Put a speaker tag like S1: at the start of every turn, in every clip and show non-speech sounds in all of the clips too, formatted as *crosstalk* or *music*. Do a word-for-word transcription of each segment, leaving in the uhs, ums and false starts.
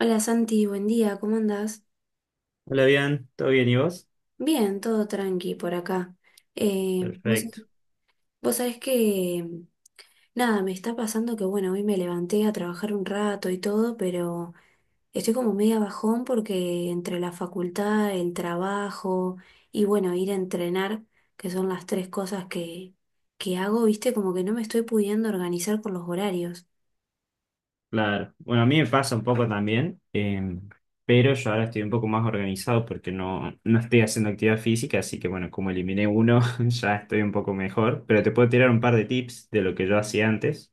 S1: Hola Santi, buen día, ¿cómo andás?
S2: Hola, bien, ¿todo bien y vos?
S1: Bien, todo tranqui por acá. Eh, vos,
S2: Perfecto,
S1: vos sabés que, nada, me está pasando que, bueno, hoy me levanté a trabajar un rato y todo, pero estoy como media bajón porque entre la facultad, el trabajo y, bueno, ir a entrenar, que son las tres cosas que, que hago, viste, como que no me estoy pudiendo organizar con los horarios.
S2: claro. Bueno, a mí me pasa un poco también, eh, pero yo ahora estoy un poco más organizado porque no, no estoy haciendo actividad física, así que bueno, como eliminé uno, *laughs* ya estoy un poco mejor, pero te puedo tirar un par de tips de lo que yo hacía antes,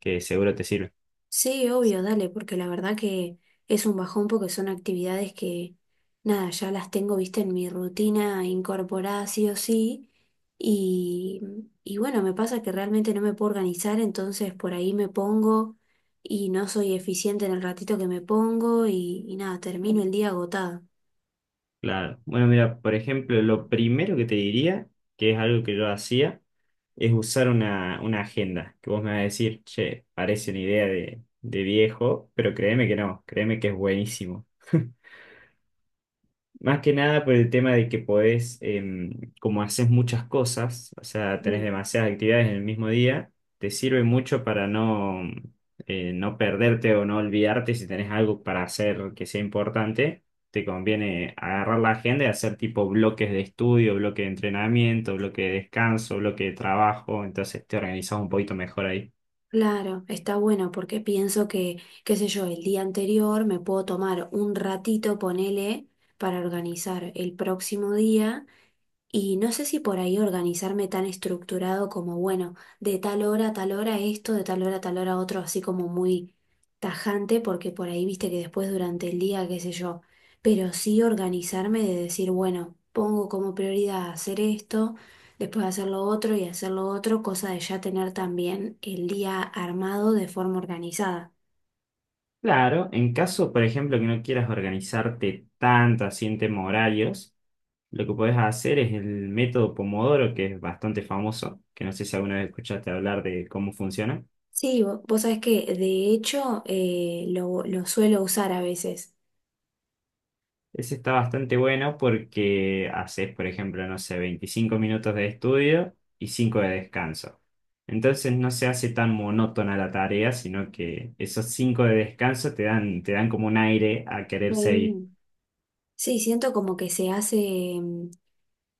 S2: que seguro te sirve.
S1: Sí, obvio, dale, porque la verdad que es un bajón porque son actividades que, nada, ya las tengo, viste, en mi rutina incorporada sí o sí. Y, y bueno, me pasa que realmente no me puedo organizar, entonces por ahí me pongo y no soy eficiente en el ratito que me pongo y, y nada, termino el día agotada.
S2: Claro. Bueno, mira, por ejemplo, lo primero que te diría, que es algo que yo hacía, es usar una, una agenda, que vos me vas a decir, che, parece una idea de, de viejo, pero créeme que no, créeme que es buenísimo. Más que nada por el tema de que podés, em, como haces muchas cosas, o sea, tenés
S1: Sí.
S2: demasiadas actividades en el mismo día, te sirve mucho para no, eh, no perderte o no olvidarte si tenés algo para hacer que sea importante. Te conviene agarrar la agenda y hacer tipo bloques de estudio, bloque de entrenamiento, bloque de descanso, bloque de trabajo, entonces te organizás un poquito mejor ahí.
S1: Claro, está bueno porque pienso que, qué sé yo, el día anterior me puedo tomar un ratito, ponele, para organizar el próximo día. Y no sé si por ahí organizarme tan estructurado como, bueno, de tal hora a tal hora esto, de tal hora a tal hora otro, así como muy tajante, porque por ahí viste que después durante el día, qué sé yo, pero sí organizarme de decir, bueno, pongo como prioridad hacer esto, después hacer lo otro y hacer lo otro, cosa de ya tener también el día armado de forma organizada.
S2: Claro, en caso, por ejemplo, que no quieras organizarte tanto así en tema horarios. Lo que podés hacer es el método Pomodoro, que es bastante famoso, que no sé si alguna vez escuchaste hablar de cómo funciona.
S1: Sí, vo- vos sabés que de hecho eh, lo, lo suelo usar a veces.
S2: Ese está bastante bueno porque haces, por ejemplo, no sé, veinticinco minutos de estudio y cinco de descanso. Entonces no se hace tan monótona la tarea, sino que esos cinco de descanso te dan, te dan como un aire a querer seguir.
S1: Sí. Sí, siento como que se hace, mm,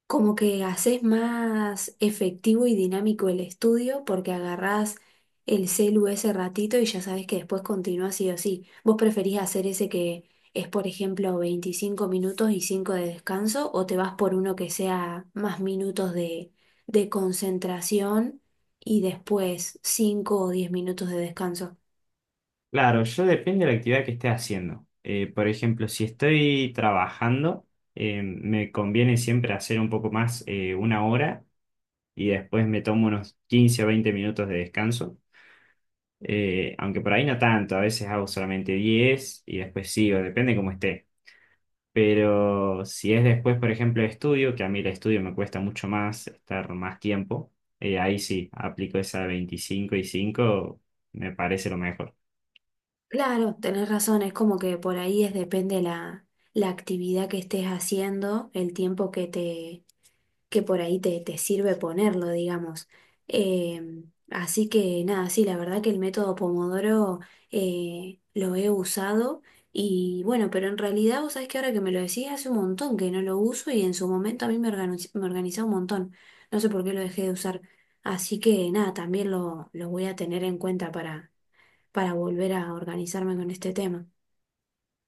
S1: como que haces más efectivo y dinámico el estudio porque agarrás el celu ese ratito y ya sabes que después continúa sí o sí. ¿Vos preferís hacer ese que es, por ejemplo, veinticinco minutos y cinco de descanso o te vas por uno que sea más minutos de, de concentración y después cinco o diez minutos de descanso?
S2: Claro, yo depende de la actividad que esté haciendo. Eh, por ejemplo, si estoy trabajando, eh, me conviene siempre hacer un poco más, eh, una hora y después me tomo unos quince o veinte minutos de descanso. Eh, aunque por ahí no tanto, a veces hago solamente diez y después sigo, depende cómo esté. Pero si es después, por ejemplo, de estudio, que a mí el estudio me cuesta mucho más estar más tiempo, eh, ahí sí, aplico esa veinticinco y cinco me parece lo mejor.
S1: Claro, tenés razón, es como que por ahí es depende la, la actividad que estés haciendo, el tiempo que te, que por ahí te, te sirve ponerlo, digamos. Eh, así que nada, sí, la verdad que el método Pomodoro eh, lo he usado y bueno, pero en realidad vos sabés que ahora que me lo decís hace un montón que no lo uso y en su momento a mí me organiz- me organizaba un montón. No sé por qué lo dejé de usar. Así que nada, también lo, lo voy a tener en cuenta para volver a organizarme con este tema.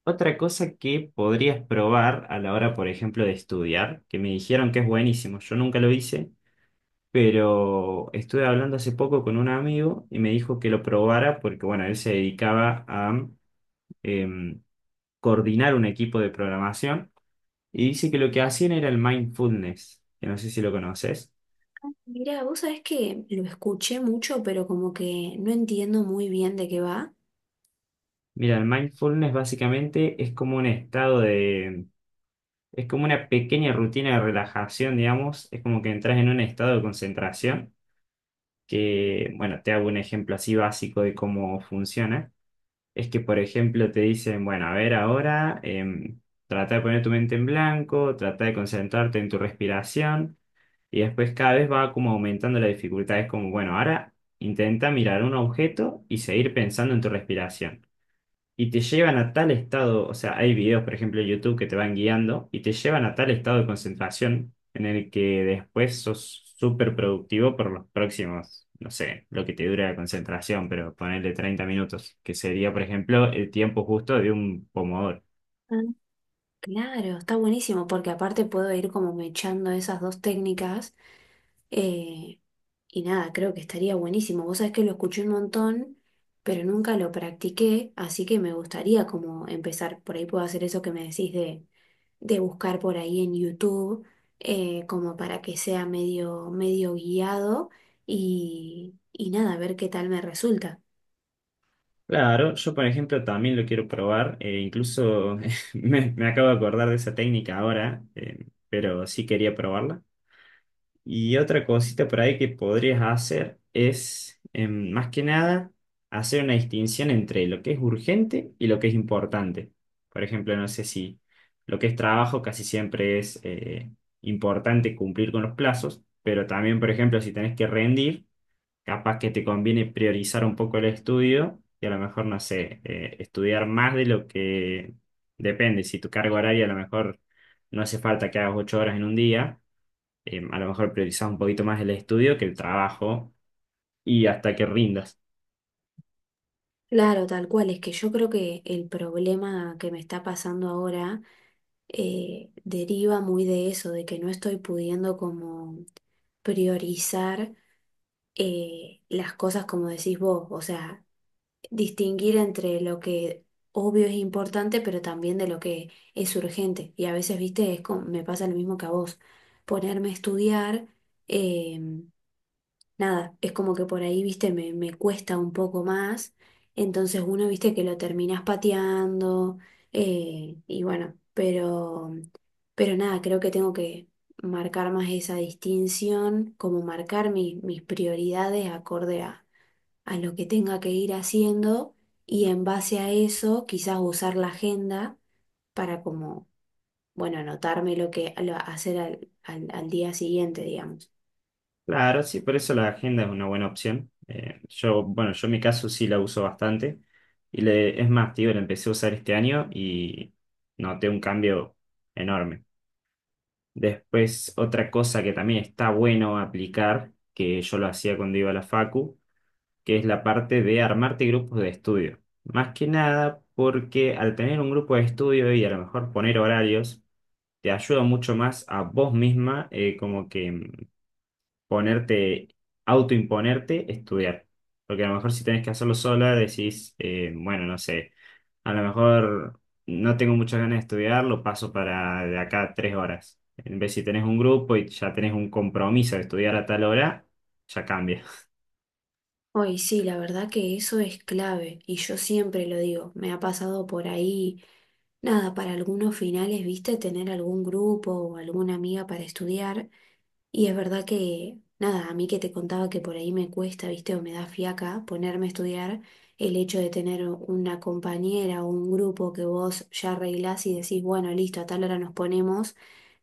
S2: Otra cosa que podrías probar a la hora, por ejemplo, de estudiar, que me dijeron que es buenísimo, yo nunca lo hice, pero estuve hablando hace poco con un amigo y me dijo que lo probara porque, bueno, él se dedicaba a em, coordinar un equipo de programación y dice que lo que hacían era el mindfulness, que no sé si lo conoces.
S1: Mirá, vos sabés que lo escuché mucho, pero como que no entiendo muy bien de qué va.
S2: Mira, el mindfulness básicamente es como un estado de... Es como una pequeña rutina de relajación, digamos, es como que entras en un estado de concentración, que, bueno, te hago un ejemplo así básico de cómo funciona. Es que, por ejemplo, te dicen, bueno, a ver ahora, em, trata de poner tu mente en blanco, trata de concentrarte en tu respiración y después cada vez va como aumentando la dificultad. Es como, bueno, ahora intenta mirar un objeto y seguir pensando en tu respiración y te llevan a tal estado, o sea, hay videos, por ejemplo, en YouTube que te van guiando y te llevan a tal estado de concentración en el que después sos súper productivo por los próximos, no sé, lo que te dure la concentración, pero ponerle treinta minutos, que sería, por ejemplo, el tiempo justo de un pomodoro.
S1: Ah, Claro, está buenísimo, porque aparte puedo ir como mechando esas dos técnicas. Eh, y nada, creo que estaría buenísimo. Vos sabés que lo escuché un montón, pero nunca lo practiqué, así que me gustaría como empezar. Por ahí puedo hacer eso que me decís de, de buscar por ahí en YouTube, eh, como para que sea medio, medio guiado y, y nada, ver qué tal me resulta.
S2: Claro, yo por ejemplo también lo quiero probar, eh, incluso *laughs* me, me acabo de acordar de esa técnica ahora, eh, pero sí quería probarla. Y otra cosita por ahí que podrías hacer es, em, más que nada, hacer una distinción entre lo que es urgente y lo que es importante. Por ejemplo, no sé si lo que es trabajo casi siempre es eh, importante cumplir con los plazos, pero también, por ejemplo, si tenés que rendir, capaz que te conviene priorizar un poco el estudio y a lo mejor, no sé, eh, estudiar más de lo que depende. Si tu carga horaria a lo mejor no hace falta que hagas ocho horas en un día eh, a lo mejor priorizás un poquito más el estudio que el trabajo y hasta que rindas.
S1: Claro, tal cual, es que yo creo que el problema que me está pasando ahora eh, deriva muy de eso, de que no estoy pudiendo como priorizar, eh, las cosas como decís vos, o sea, distinguir entre lo que obvio es importante, pero también de lo que es urgente. Y a veces, viste, es como, me pasa lo mismo que a vos, ponerme a estudiar. em, Nada, es como que por ahí, viste, me, me cuesta un poco más. Entonces uno, viste, que lo terminás pateando. Eh, y bueno, pero, pero nada, creo que tengo que marcar más esa distinción, como marcar mi- mis prioridades acorde a, a lo que tenga que ir haciendo. Y en base a eso, quizás usar la agenda para como, bueno, anotarme lo que lo- hacer al al- al día siguiente, digamos.
S2: Claro, sí, por eso la agenda es una buena opción. Eh, yo, bueno, yo en mi caso sí la uso bastante. Y le, es más, tío, la empecé a usar este año y noté un cambio enorme. Después, otra cosa que también está bueno aplicar, que yo lo hacía cuando iba a la facu, que es la parte de armarte grupos de estudio. Más que nada porque al tener un grupo de estudio y a lo mejor poner horarios, te ayuda mucho más a vos misma, eh, como que mm, ponerte, autoimponerte, estudiar. Porque a lo mejor si tenés que hacerlo sola, decís, eh, bueno, no sé, a lo mejor no tengo muchas ganas de estudiar, lo paso para de acá a tres horas. En vez si tenés un grupo y ya tenés un compromiso de estudiar a tal hora, ya cambia.
S1: Hoy sí, la verdad que eso es clave y yo siempre lo digo, me ha pasado por ahí, nada, para algunos finales, viste, tener algún grupo o alguna amiga para estudiar y es verdad que, nada, a mí que te contaba que por ahí me cuesta, viste, o me da fiaca ponerme a estudiar, el hecho de tener una compañera o un grupo que vos ya arreglás y decís, bueno, listo, a tal hora nos ponemos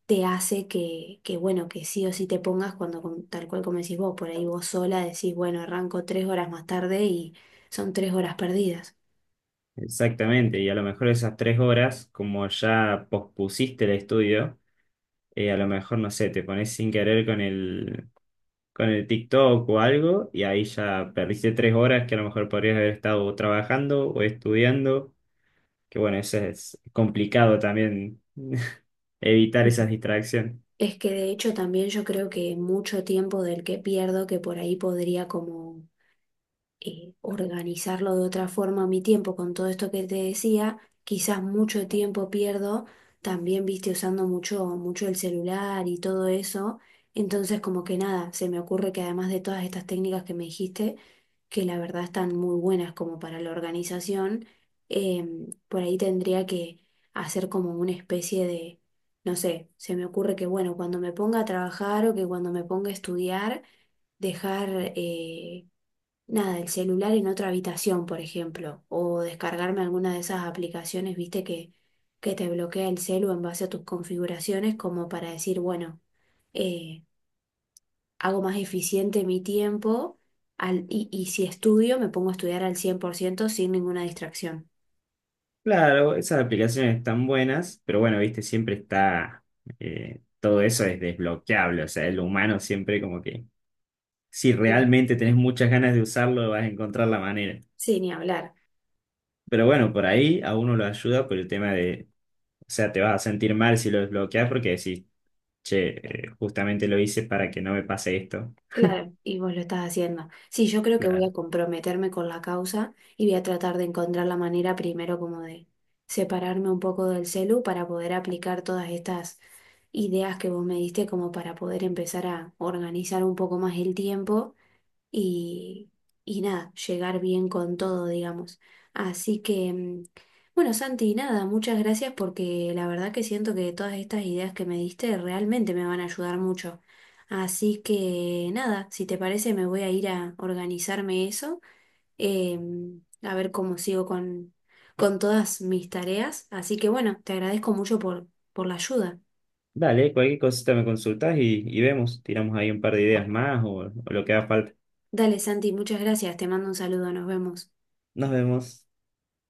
S1: te hace que, que, bueno, que sí o sí te pongas cuando, com- tal cual como decís vos, por ahí vos sola decís, bueno, arranco tres horas más tarde y son tres horas perdidas.
S2: *laughs* Exactamente, y a lo mejor esas tres horas, como ya pospusiste el estudio, eh, a lo mejor, no sé, te pones sin querer con el, con el TikTok o algo y ahí ya perdiste tres horas que a lo mejor podrías haber estado trabajando o estudiando, que bueno, eso es complicado también *laughs* evitar
S1: Mm.
S2: esas distracciones.
S1: Es que de hecho también yo creo que mucho tiempo del que pierdo, que por ahí podría como eh, organizarlo de otra forma mi tiempo con todo esto que te decía, quizás mucho tiempo pierdo también, viste, usando mucho, mucho el celular y todo eso. Entonces, como que nada, se me ocurre que además de todas estas técnicas que me dijiste, que la verdad están muy buenas como para la organización, em, por ahí tendría que hacer como una especie de, no sé, se me ocurre que bueno, cuando me ponga a trabajar o que cuando me ponga a estudiar, dejar eh, nada, el celular en otra habitación, por ejemplo, o descargarme alguna de esas aplicaciones, viste, que, que te bloquea el celu en base a tus configuraciones, como para decir, bueno, eh, hago más eficiente mi tiempo al, y, y si estudio, me pongo a estudiar al cien por ciento sin ninguna distracción.
S2: Claro, esas aplicaciones están buenas, pero bueno, viste, siempre está, eh, todo eso es desbloqueable, o sea, el humano siempre como que, si
S1: Sí,
S2: realmente tenés muchas ganas de usarlo, vas a encontrar la manera.
S1: sí, ni hablar.
S2: Pero bueno, por ahí a uno lo ayuda por el tema de, o sea, te vas a sentir mal si lo desbloqueas porque decís, che, eh, justamente lo hice para que no me pase esto.
S1: Claro, y vos lo estás haciendo. Sí, yo creo que voy
S2: Claro.
S1: a comprometerme con la causa y voy a tratar de encontrar la manera primero como de separarme un poco del celu para poder aplicar todas estas ideas que vos me diste como para poder empezar a organizar un poco más el tiempo y, y nada, llegar bien con todo, digamos. Así que, mm, bueno, Santi, nada, muchas gracias porque la verdad que siento que todas estas ideas que me diste realmente me van a ayudar mucho. Así que, nada, si te parece me voy a ir a organizarme eso, eh, a ver cómo sigo con, con todas mis tareas. Así que, bueno, te agradezco mucho por, por la ayuda.
S2: Dale, cualquier cosita me consultás y, y vemos. Tiramos ahí un par de ideas más o o lo que haga falta.
S1: Dale, Santi, muchas gracias, te mando un saludo, nos vemos.
S2: Nos vemos.